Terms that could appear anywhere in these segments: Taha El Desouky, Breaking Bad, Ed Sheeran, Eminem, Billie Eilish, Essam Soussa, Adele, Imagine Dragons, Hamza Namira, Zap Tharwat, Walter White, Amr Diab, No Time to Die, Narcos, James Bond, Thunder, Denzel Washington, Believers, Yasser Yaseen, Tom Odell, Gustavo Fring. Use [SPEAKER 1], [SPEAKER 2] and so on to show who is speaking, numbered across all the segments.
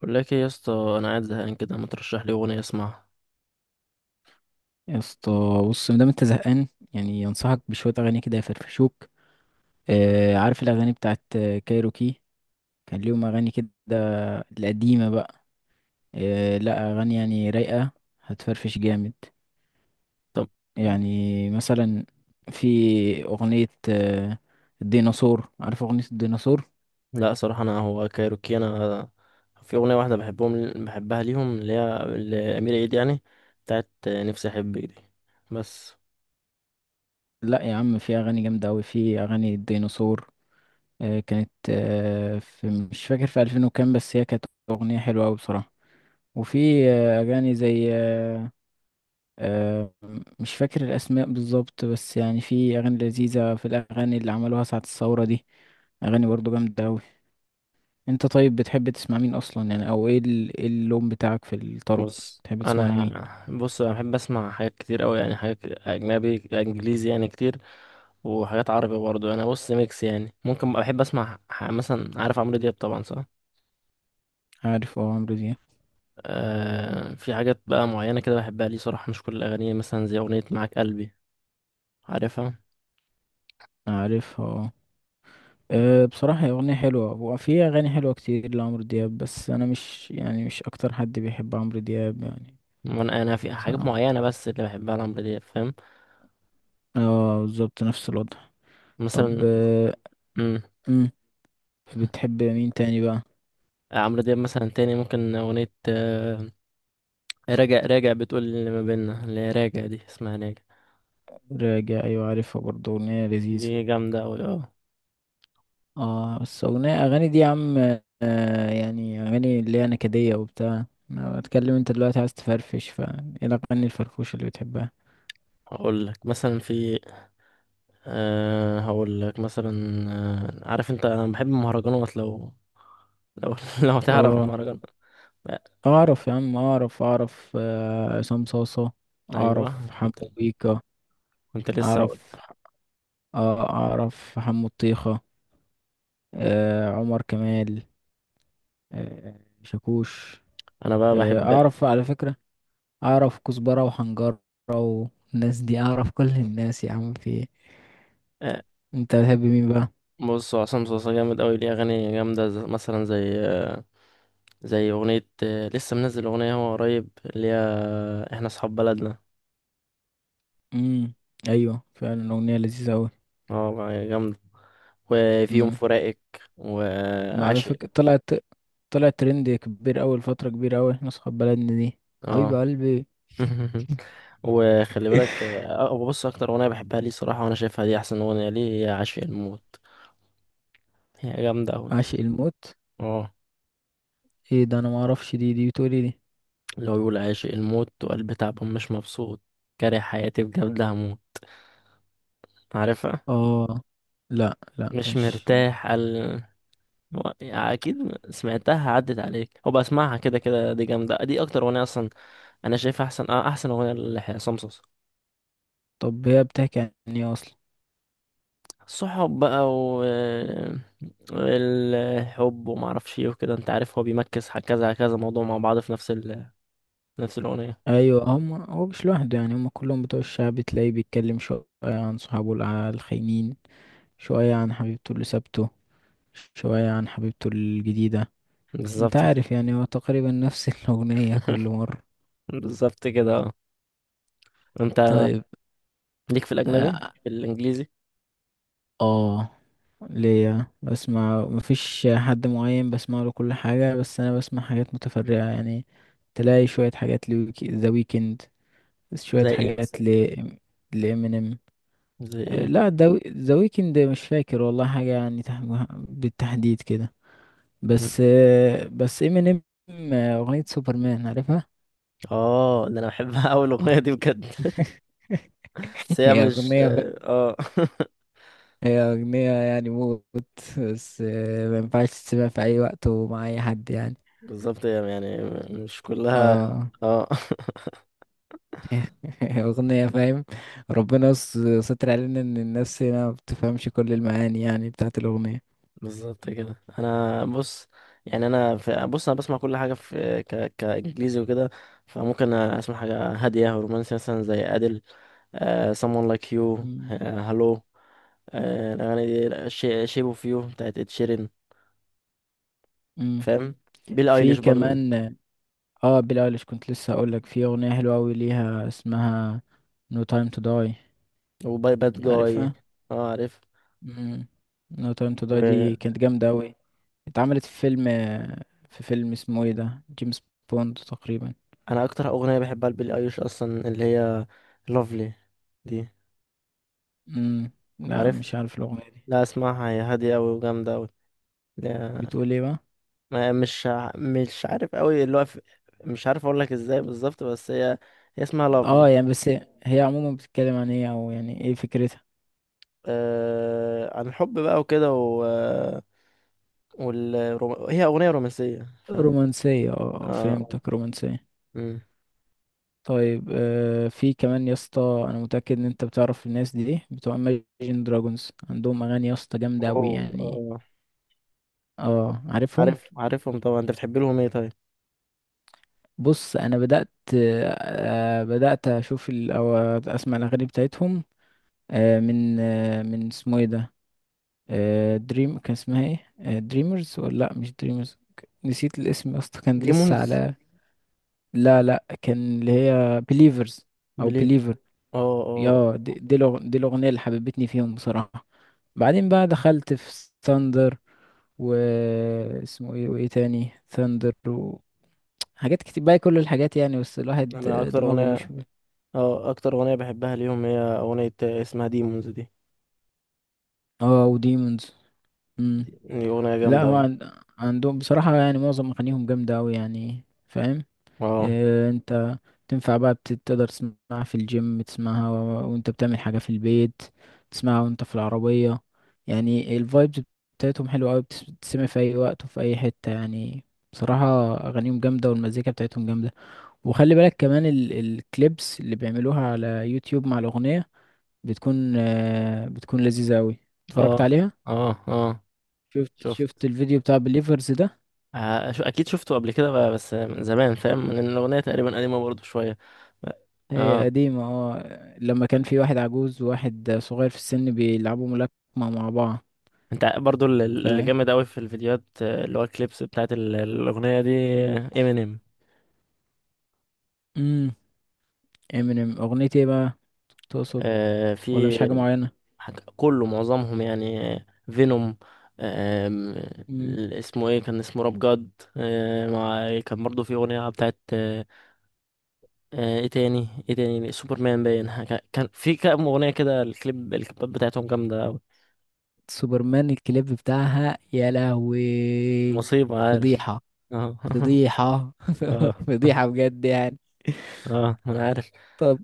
[SPEAKER 1] بقول لك ايه يا اسطى. انا قاعد زهقان كده، ما ترشح لي اغنيه اسمعها؟
[SPEAKER 2] يا اسطى، بص مادام انت زهقان يعني ينصحك بشوية أغاني كده يفرفشوك. آه، عارف الأغاني بتاعت كايروكي؟ كان ليهم أغاني كده القديمة بقى. آه لا، أغاني يعني رايقة هتفرفش جامد.
[SPEAKER 1] طب
[SPEAKER 2] يعني مثلا في أغنية الديناصور، عارف أغنية الديناصور؟
[SPEAKER 1] لا صراحه، انا هو كايروكي، في اغنيه واحده بحبها ليهم، اللي هي لامير عيد يعني، بتاعت نفسي احبك دي، بس.
[SPEAKER 2] لا يا عم، في أغاني جامدة أوي، في أغاني الديناصور كانت في، مش فاكر، في ألفين وكام، بس هي كانت أغنية حلوة أوي بصراحة. وفي أغاني زي آه، مش فاكر الأسماء بالظبط بس يعني في أغاني لذيذة، في الأغاني اللي عملوها ساعة الثورة دي، أغاني برضه جامدة أوي. أنت طيب بتحب تسمع مين أصلا يعني، أو إيه إيه اللون بتاعك في الطرب؟
[SPEAKER 1] بص
[SPEAKER 2] بتحب تسمع لمين؟
[SPEAKER 1] انا بحب اسمع حاجات كتير قوي، يعني حاجات اجنبي انجليزي يعني كتير، وحاجات عربي برضه. انا بص ميكس يعني. ممكن بحب اسمع مثلا، عارف عمرو دياب طبعا، صح؟
[SPEAKER 2] عارف أه عمرو دياب.
[SPEAKER 1] آه، في حاجات بقى معينه كده بحبها ليه صراحه، مش كل الاغاني، مثلا زي اغنيه معاك قلبي، عارفها؟
[SPEAKER 2] عارف أه. بصراحة هي أغنية حلوة وفي أغاني حلوة كتير لعمرو دياب، بس أنا مش يعني مش أكتر حد بيحب عمرو دياب يعني.
[SPEAKER 1] وانا في حاجات
[SPEAKER 2] بصراحة
[SPEAKER 1] معينه بس اللي بحبها لعمرو دياب، فاهم؟
[SPEAKER 2] اه بالظبط نفس الوضع. طب
[SPEAKER 1] مثلا، امم،
[SPEAKER 2] أمم، بتحب مين تاني بقى؟
[SPEAKER 1] عمرو دياب مثلا تاني، ممكن اغنيه راجع بتقول اللي ما بيننا، اللي هي راجع دي اسمها راجع،
[SPEAKER 2] راجع أيوة عارفها برضه، أغنية
[SPEAKER 1] دي
[SPEAKER 2] لذيذة.
[SPEAKER 1] جامده اوي، اه.
[SPEAKER 2] اه بس أغنية، أغاني دي يا عم يعني أغاني اللي هي نكدية وبتاع. أنا بتكلم أنت دلوقتي عايز تفرفش، فا، إيه الأغاني الفرفوشة اللي بتحبها؟
[SPEAKER 1] هقول لك مثلا في، أه هقول لك مثلا، عارف انت، انا بحب المهرجانات لو، لو لو تعرف
[SPEAKER 2] اه
[SPEAKER 1] المهرجانات. لا،
[SPEAKER 2] أعرف يا عم، أعرف أعرف عصام صاصة.
[SPEAKER 1] ايوه
[SPEAKER 2] أعرف حمو
[SPEAKER 1] كنت،
[SPEAKER 2] بيكا.
[SPEAKER 1] كنت لسه هقول،
[SPEAKER 2] أعرف آه، أعرف حمو الطيخة، آه عمر كمال، آه شاكوش،
[SPEAKER 1] انا بقى
[SPEAKER 2] آه
[SPEAKER 1] بحب،
[SPEAKER 2] أعرف على فكرة. اعرف كزبرة وحنجرة والناس دي، اعرف كل الناس يا عم، في ايه؟
[SPEAKER 1] آه،
[SPEAKER 2] انت بتحب مين بقى؟
[SPEAKER 1] بص، هو عصام صوصه جامد قوي، ليه اغاني جامده مثلا زي زي اغنية لسه منزل اغنية هو قريب، اللي هي احنا اصحاب بلدنا.
[SPEAKER 2] امم، ايوه فعلا اغنية لذيذة اوي.
[SPEAKER 1] اه والله جامدة. وفي يوم
[SPEAKER 2] امم،
[SPEAKER 1] فراقك،
[SPEAKER 2] ما على
[SPEAKER 1] وعاشق،
[SPEAKER 2] فكرة طلعت، طلعت ترند كبير اوي لفترة كبيرة اوي احنا اصحاب بلدنا دي. حبيب
[SPEAKER 1] اه
[SPEAKER 2] قلبي.
[SPEAKER 1] وخلي بالك بص، اكتر اغنية بحبها ليه صراحة، وانا شايفها دي احسن اغنية ليه، هي عاشق الموت. هي جامدة اوي،
[SPEAKER 2] عاشق الموت؟
[SPEAKER 1] اه.
[SPEAKER 2] ايه ده، انا ما اعرفش دي، دي بتقولي دي؟
[SPEAKER 1] لو يقول عاشق الموت وقلبي تعبان مش مبسوط، كاره حياتي بجد هموت، عارفها؟
[SPEAKER 2] اه، لا لا،
[SPEAKER 1] مش
[SPEAKER 2] مش.
[SPEAKER 1] مرتاح قال. هو يعني اكيد سمعتها عدت عليك، هو بسمعها كده كده. دي جامده، دي اكتر اغنيه اصلا انا شايفها احسن، آه، احسن اغنيه لحسام صوصه.
[SPEAKER 2] طب هي بتحكي عن ايه اصلا؟
[SPEAKER 1] الصحاب بقى، و الحب وما اعرفش ايه وكده، انت عارف، هو بيمكس كذا كذا موضوع مع بعض في نفس ال... نفس الاغنيه.
[SPEAKER 2] ايوه هم، هو مش لوحده يعني، هم كلهم بتوع الشعب، تلاقيه بيتكلم شوية عن صحابه الخاينين، شوية عن حبيبته اللي سابته، شوية عن حبيبته الجديدة. انت
[SPEAKER 1] بالظبط كده.
[SPEAKER 2] عارف يعني هو تقريبا نفس الأغنية كل مرة.
[SPEAKER 1] بالظبط كده، اه. انت
[SPEAKER 2] طيب
[SPEAKER 1] ليك في الاجنبي،
[SPEAKER 2] اه،
[SPEAKER 1] في الانجليزي؟
[SPEAKER 2] آه، ليا بسمع مفيش حد معين بسمع له كل حاجة، بس أنا بسمع حاجات متفرعة يعني، تلاقي شوية حاجات ذا ويكند، شوية
[SPEAKER 1] زي ايه
[SPEAKER 2] حاجات
[SPEAKER 1] مثلا؟
[SPEAKER 2] لإمينيم.
[SPEAKER 1] زي ايه؟
[SPEAKER 2] لا، ذا ويكند مش فاكر والله حاجة يعني بالتحديد كده،
[SPEAKER 1] مم.
[SPEAKER 2] بس بس إمينيم. أغنية سوبرمان عارفها؟
[SPEAKER 1] اه ده انا بحبها اول اغنيه دي، بجد بس هي
[SPEAKER 2] هي
[SPEAKER 1] مش،
[SPEAKER 2] أغنية بقى،
[SPEAKER 1] اه، آه.
[SPEAKER 2] هي أغنية يعني موت. بس ما ينفعش تسمع في أي وقت ومع أي حد يعني.
[SPEAKER 1] بالظبط، هي يعني مش مم. كلها.
[SPEAKER 2] اه
[SPEAKER 1] اه
[SPEAKER 2] هي أغنية فاهم. ربنا ستر علينا إن الناس هنا ما بتفهمش كل المعاني يعني بتاعت الأغنية.
[SPEAKER 1] بالظبط كده. انا بص يعني انا في... بص، انا بسمع كل حاجه في ك... كانجليزي وكده، فممكن اسمع حاجه هاديه رومانسي، مثلا زي ادل، آه... someone like you،
[SPEAKER 2] مم.
[SPEAKER 1] آه... hello، آه... الاغاني دي، شي... shape of you بتاعت ed sheeran،
[SPEAKER 2] مم.
[SPEAKER 1] فاهم؟ بيل
[SPEAKER 2] في
[SPEAKER 1] ايليش برضو،
[SPEAKER 2] كمان. اه بيلي ايليش، كنت لسه هقولك في أغنية حلوة أوي ليها اسمها No Time to Die،
[SPEAKER 1] وباي باد جاي.
[SPEAKER 2] عارفها؟
[SPEAKER 1] اه عارف.
[SPEAKER 2] مم. No Time to Die دي
[SPEAKER 1] وانا
[SPEAKER 2] كانت جامدة أوي، اتعملت في فيلم، في فيلم اسمه ايه ده، جيمس بوند تقريبا.
[SPEAKER 1] اكتر اغنيه بحبها لبيل ايليش اصلا اللي هي lovely، دي
[SPEAKER 2] مم. لا
[SPEAKER 1] عارف؟
[SPEAKER 2] مش عارف الأغنية دي،
[SPEAKER 1] لا، اسمعها، هي هادية أوي وجامدة أوي. لا،
[SPEAKER 2] بتقول ايه بقى؟
[SPEAKER 1] ما مش عارف أوي، اللي هو مش عارف أقول لك إزاي بالظبط، بس هي اسمها
[SPEAKER 2] اه
[SPEAKER 1] لافلي.
[SPEAKER 2] يعني بس، هي عموما بتتكلم عن ايه، أو يعني ايه فكرتها؟
[SPEAKER 1] آه... عن الحب بقى وكده، هي أغنية رومانسية، فاهم؟
[SPEAKER 2] رومانسية اه، آه،
[SPEAKER 1] اه،
[SPEAKER 2] فهمتك، رومانسية.
[SPEAKER 1] امم،
[SPEAKER 2] طيب في كمان يا اسطى، انا متأكد ان انت بتعرف الناس دي بتوع Imagine Dragons، عندهم اغاني يا اسطى جامدة أوي
[SPEAKER 1] أوه،
[SPEAKER 2] يعني.
[SPEAKER 1] آه.
[SPEAKER 2] اه عارفهم.
[SPEAKER 1] عارف، عارفهم طبعا. أنت بتحب لهم إيه طيب؟
[SPEAKER 2] بص انا بدات بدات اشوف او اسمع الاغاني بتاعتهم من اسمه ايه ده، دريم كان اسمها ايه، دريمرز ولا لا مش دريمرز. نسيت الاسم يا اسطى كان لسه
[SPEAKER 1] ديمونز،
[SPEAKER 2] على، لا لا كان اللي هي بليفرز او
[SPEAKER 1] بليف،
[SPEAKER 2] بليفر.
[SPEAKER 1] اه، اه.
[SPEAKER 2] يا دي، دي دي الاغنيه اللي حببتني فيهم بصراحه. بعدين بقى دخلت في ثاندر، واسمه ايه وايه تاني ثاندر، وحاجات كتير بقى كل الحاجات يعني، بس الواحد
[SPEAKER 1] أنا أكتر
[SPEAKER 2] دماغه مش.
[SPEAKER 1] أغنية اه أكتر أغنية بحبها ليهم هي أغنية اسمها ديمونز، دي
[SPEAKER 2] اه وديمونز. امم.
[SPEAKER 1] دي أغنية
[SPEAKER 2] لا
[SPEAKER 1] جامدة
[SPEAKER 2] هو
[SPEAKER 1] أوي.
[SPEAKER 2] عندهم بصراحة يعني معظم أغانيهم جامدة أوي يعني فاهم.
[SPEAKER 1] اه،
[SPEAKER 2] إيه انت، تنفع بقى تقدر تسمعها في الجيم، تسمعها و... وانت بتعمل حاجة في البيت، تسمعها وانت في العربية، يعني الفايبز بتاعتهم حلوة أوي بتسمع في أي وقت وفي أي حتة يعني. بصراحة أغانيهم جامدة والمزيكا بتاعتهم جامدة. وخلي بالك كمان الكليبس اللي بيعملوها على يوتيوب مع الأغنية بتكون بتكون لذيذة أوي. اتفرجت
[SPEAKER 1] اه،
[SPEAKER 2] عليها؟
[SPEAKER 1] اه، اه
[SPEAKER 2] شفت
[SPEAKER 1] شفت،
[SPEAKER 2] الفيديو بتاع بليفرز ده.
[SPEAKER 1] اكيد شفته قبل كده بقى، بس من زمان، فاهم، لان الاغنيه تقريبا قديمه برضو شويه.
[SPEAKER 2] هي
[SPEAKER 1] اه
[SPEAKER 2] قديمة اه، لما كان في واحد عجوز وواحد صغير في السن بيلعبوا ملاكمة مع بعض.
[SPEAKER 1] انت برضو اللي
[SPEAKER 2] فاهم.
[SPEAKER 1] جامد قوي في الفيديوهات اللي هو الكليبس بتاعت الاغنيه دي، امينيم،
[SPEAKER 2] امم. امينيم اغنية ايه بقى، تقصد؟
[SPEAKER 1] آه،
[SPEAKER 2] ولا
[SPEAKER 1] في
[SPEAKER 2] مش حاجة معينة؟
[SPEAKER 1] كله معظمهم يعني. فينوم، آم،
[SPEAKER 2] امم.
[SPEAKER 1] اسمه ايه، كان اسمه راب جاد. آه، مع، كان برضو في اغنيه بتاعت ايه تاني، ايه تاني، سوبرمان، باين حاجة- كان في كام اغنيه كده، الكليب، الكليبات بتاعتهم جامده أوي.
[SPEAKER 2] سوبرمان الكليب بتاعها يا لهوي.
[SPEAKER 1] مصيبه، عارف.
[SPEAKER 2] فضيحة.
[SPEAKER 1] اه
[SPEAKER 2] فضيحة.
[SPEAKER 1] اه،
[SPEAKER 2] فضيحة بجد يعني.
[SPEAKER 1] اه انا عارف.
[SPEAKER 2] طب،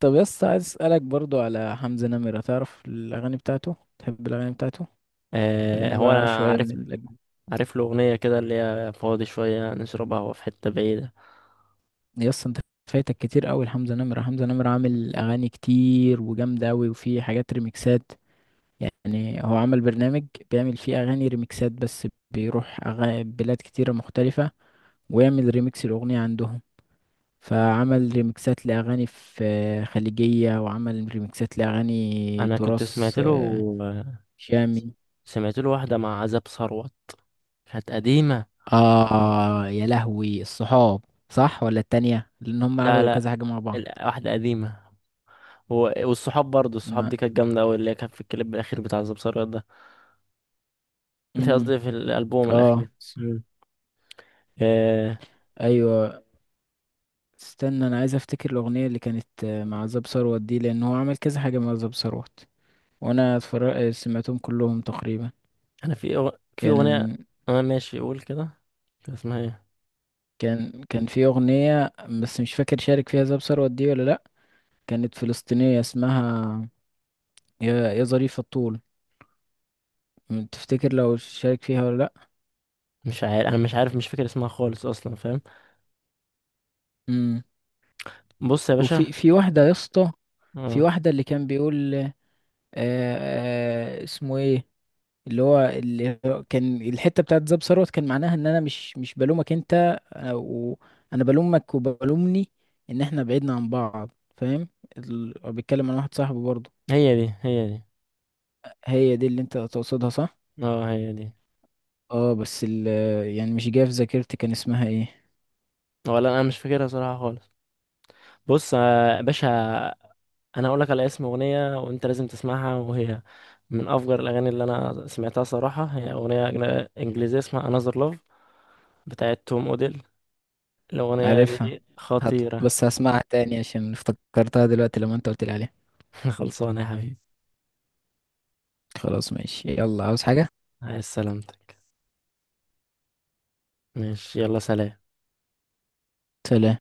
[SPEAKER 2] طب يس، عايز اسألك برضو على حمزة نمرة، تعرف الأغاني بتاعته؟ تحب الأغاني بتاعته؟
[SPEAKER 1] آه،
[SPEAKER 2] خلينا
[SPEAKER 1] هو
[SPEAKER 2] بقى
[SPEAKER 1] انا
[SPEAKER 2] شوية من
[SPEAKER 1] عارف.
[SPEAKER 2] الأجنبي.
[SPEAKER 1] عارف له اغنيه كده اللي هي فاضي شويه نشرب قهوه في حته بعيده.
[SPEAKER 2] يس انت فايتك كتير قوي لحمزة نمرة. حمزة نمرة عامل اغاني كتير وجامدة قوي وفي حاجات ريميكسات، يعني هو عمل برنامج بيعمل فيه اغاني ريميكسات، بس بيروح بلاد كتيرة مختلفة ويعمل ريميكس الاغنية عندهم، فعمل ريميكسات لاغاني في خليجية، وعمل ريميكسات لاغاني
[SPEAKER 1] انا كنت سمعت
[SPEAKER 2] تراث
[SPEAKER 1] له،
[SPEAKER 2] شامي.
[SPEAKER 1] سمعت له واحده مع عذاب ثروت، كانت قديمه.
[SPEAKER 2] اه يا لهوي الصحاب، صح ولا التانية، لان هم
[SPEAKER 1] لا
[SPEAKER 2] عملوا
[SPEAKER 1] لا،
[SPEAKER 2] كذا حاجة مع بعض.
[SPEAKER 1] واحده قديمه، هو والصحاب، برضه الصحاب
[SPEAKER 2] ما،
[SPEAKER 1] دي كانت جامده قوي، اللي هي كانت في الكليب الاخير بتاع عذاب ثروت ده. مش
[SPEAKER 2] امم،
[SPEAKER 1] قصدي، في الالبوم
[SPEAKER 2] اه،
[SPEAKER 1] الاخير، آه.
[SPEAKER 2] ايوه. استنى، انا عايز افتكر الاغنيه اللي كانت مع زاب ثروت دي، لان هو عمل كذا حاجه مع زاب ثروت وانا اتفرج سمعتهم كلهم تقريبا.
[SPEAKER 1] انا في في اغنيه.
[SPEAKER 2] كان،
[SPEAKER 1] اه ماشي، قول كده، كان اسمها ايه؟
[SPEAKER 2] كان في اغنيه، بس مش فاكر شارك فيها زاب ثروت دي ولا لا، كانت فلسطينيه اسمها يا، يا ظريف الطول، تفتكر لو شارك فيها ولا لا؟
[SPEAKER 1] مش عارف، انا مش عارف، مش فاكر اسمها خالص اصلا، فاهم.
[SPEAKER 2] امم.
[SPEAKER 1] بص يا باشا،
[SPEAKER 2] في واحده يا اسطى، في
[SPEAKER 1] اه
[SPEAKER 2] واحده اللي كان بيقول آه اسمه ايه، اللي هو كان الحته بتاعت زاب ثروت كان معناها ان انا مش بلومك انت، او انا بلومك وبلومني ان احنا بعدنا عن بعض فاهم. بتكلم عن واحد صاحبي برضه.
[SPEAKER 1] هي دي، هي دي،
[SPEAKER 2] هي دي، اللي انت تقصدها صح؟
[SPEAKER 1] اه هي دي،
[SPEAKER 2] اه بس يعني مش جايه في ذاكرتي كان اسمها ايه.
[SPEAKER 1] ولا انا مش فاكرها صراحه خالص. بص، يا باشا، انا اقول لك على اسم اغنيه وانت لازم تسمعها، وهي من افجر الاغاني اللي انا سمعتها صراحه، هي اغنيه انجليزيه اسمها Another Love بتاعت توم اوديل. الاغنيه
[SPEAKER 2] عارفها؟
[SPEAKER 1] دي خطيره.
[SPEAKER 2] بس هسمعها تاني عشان افتكرتها دلوقتي لما انت قلت لي عليها.
[SPEAKER 1] خلصانه يا حبيبي.
[SPEAKER 2] خلاص ماشي يلا، عاوز حاجه؟
[SPEAKER 1] عايز سلامتك، ماشي، يلا سلام.
[SPEAKER 2] سلام.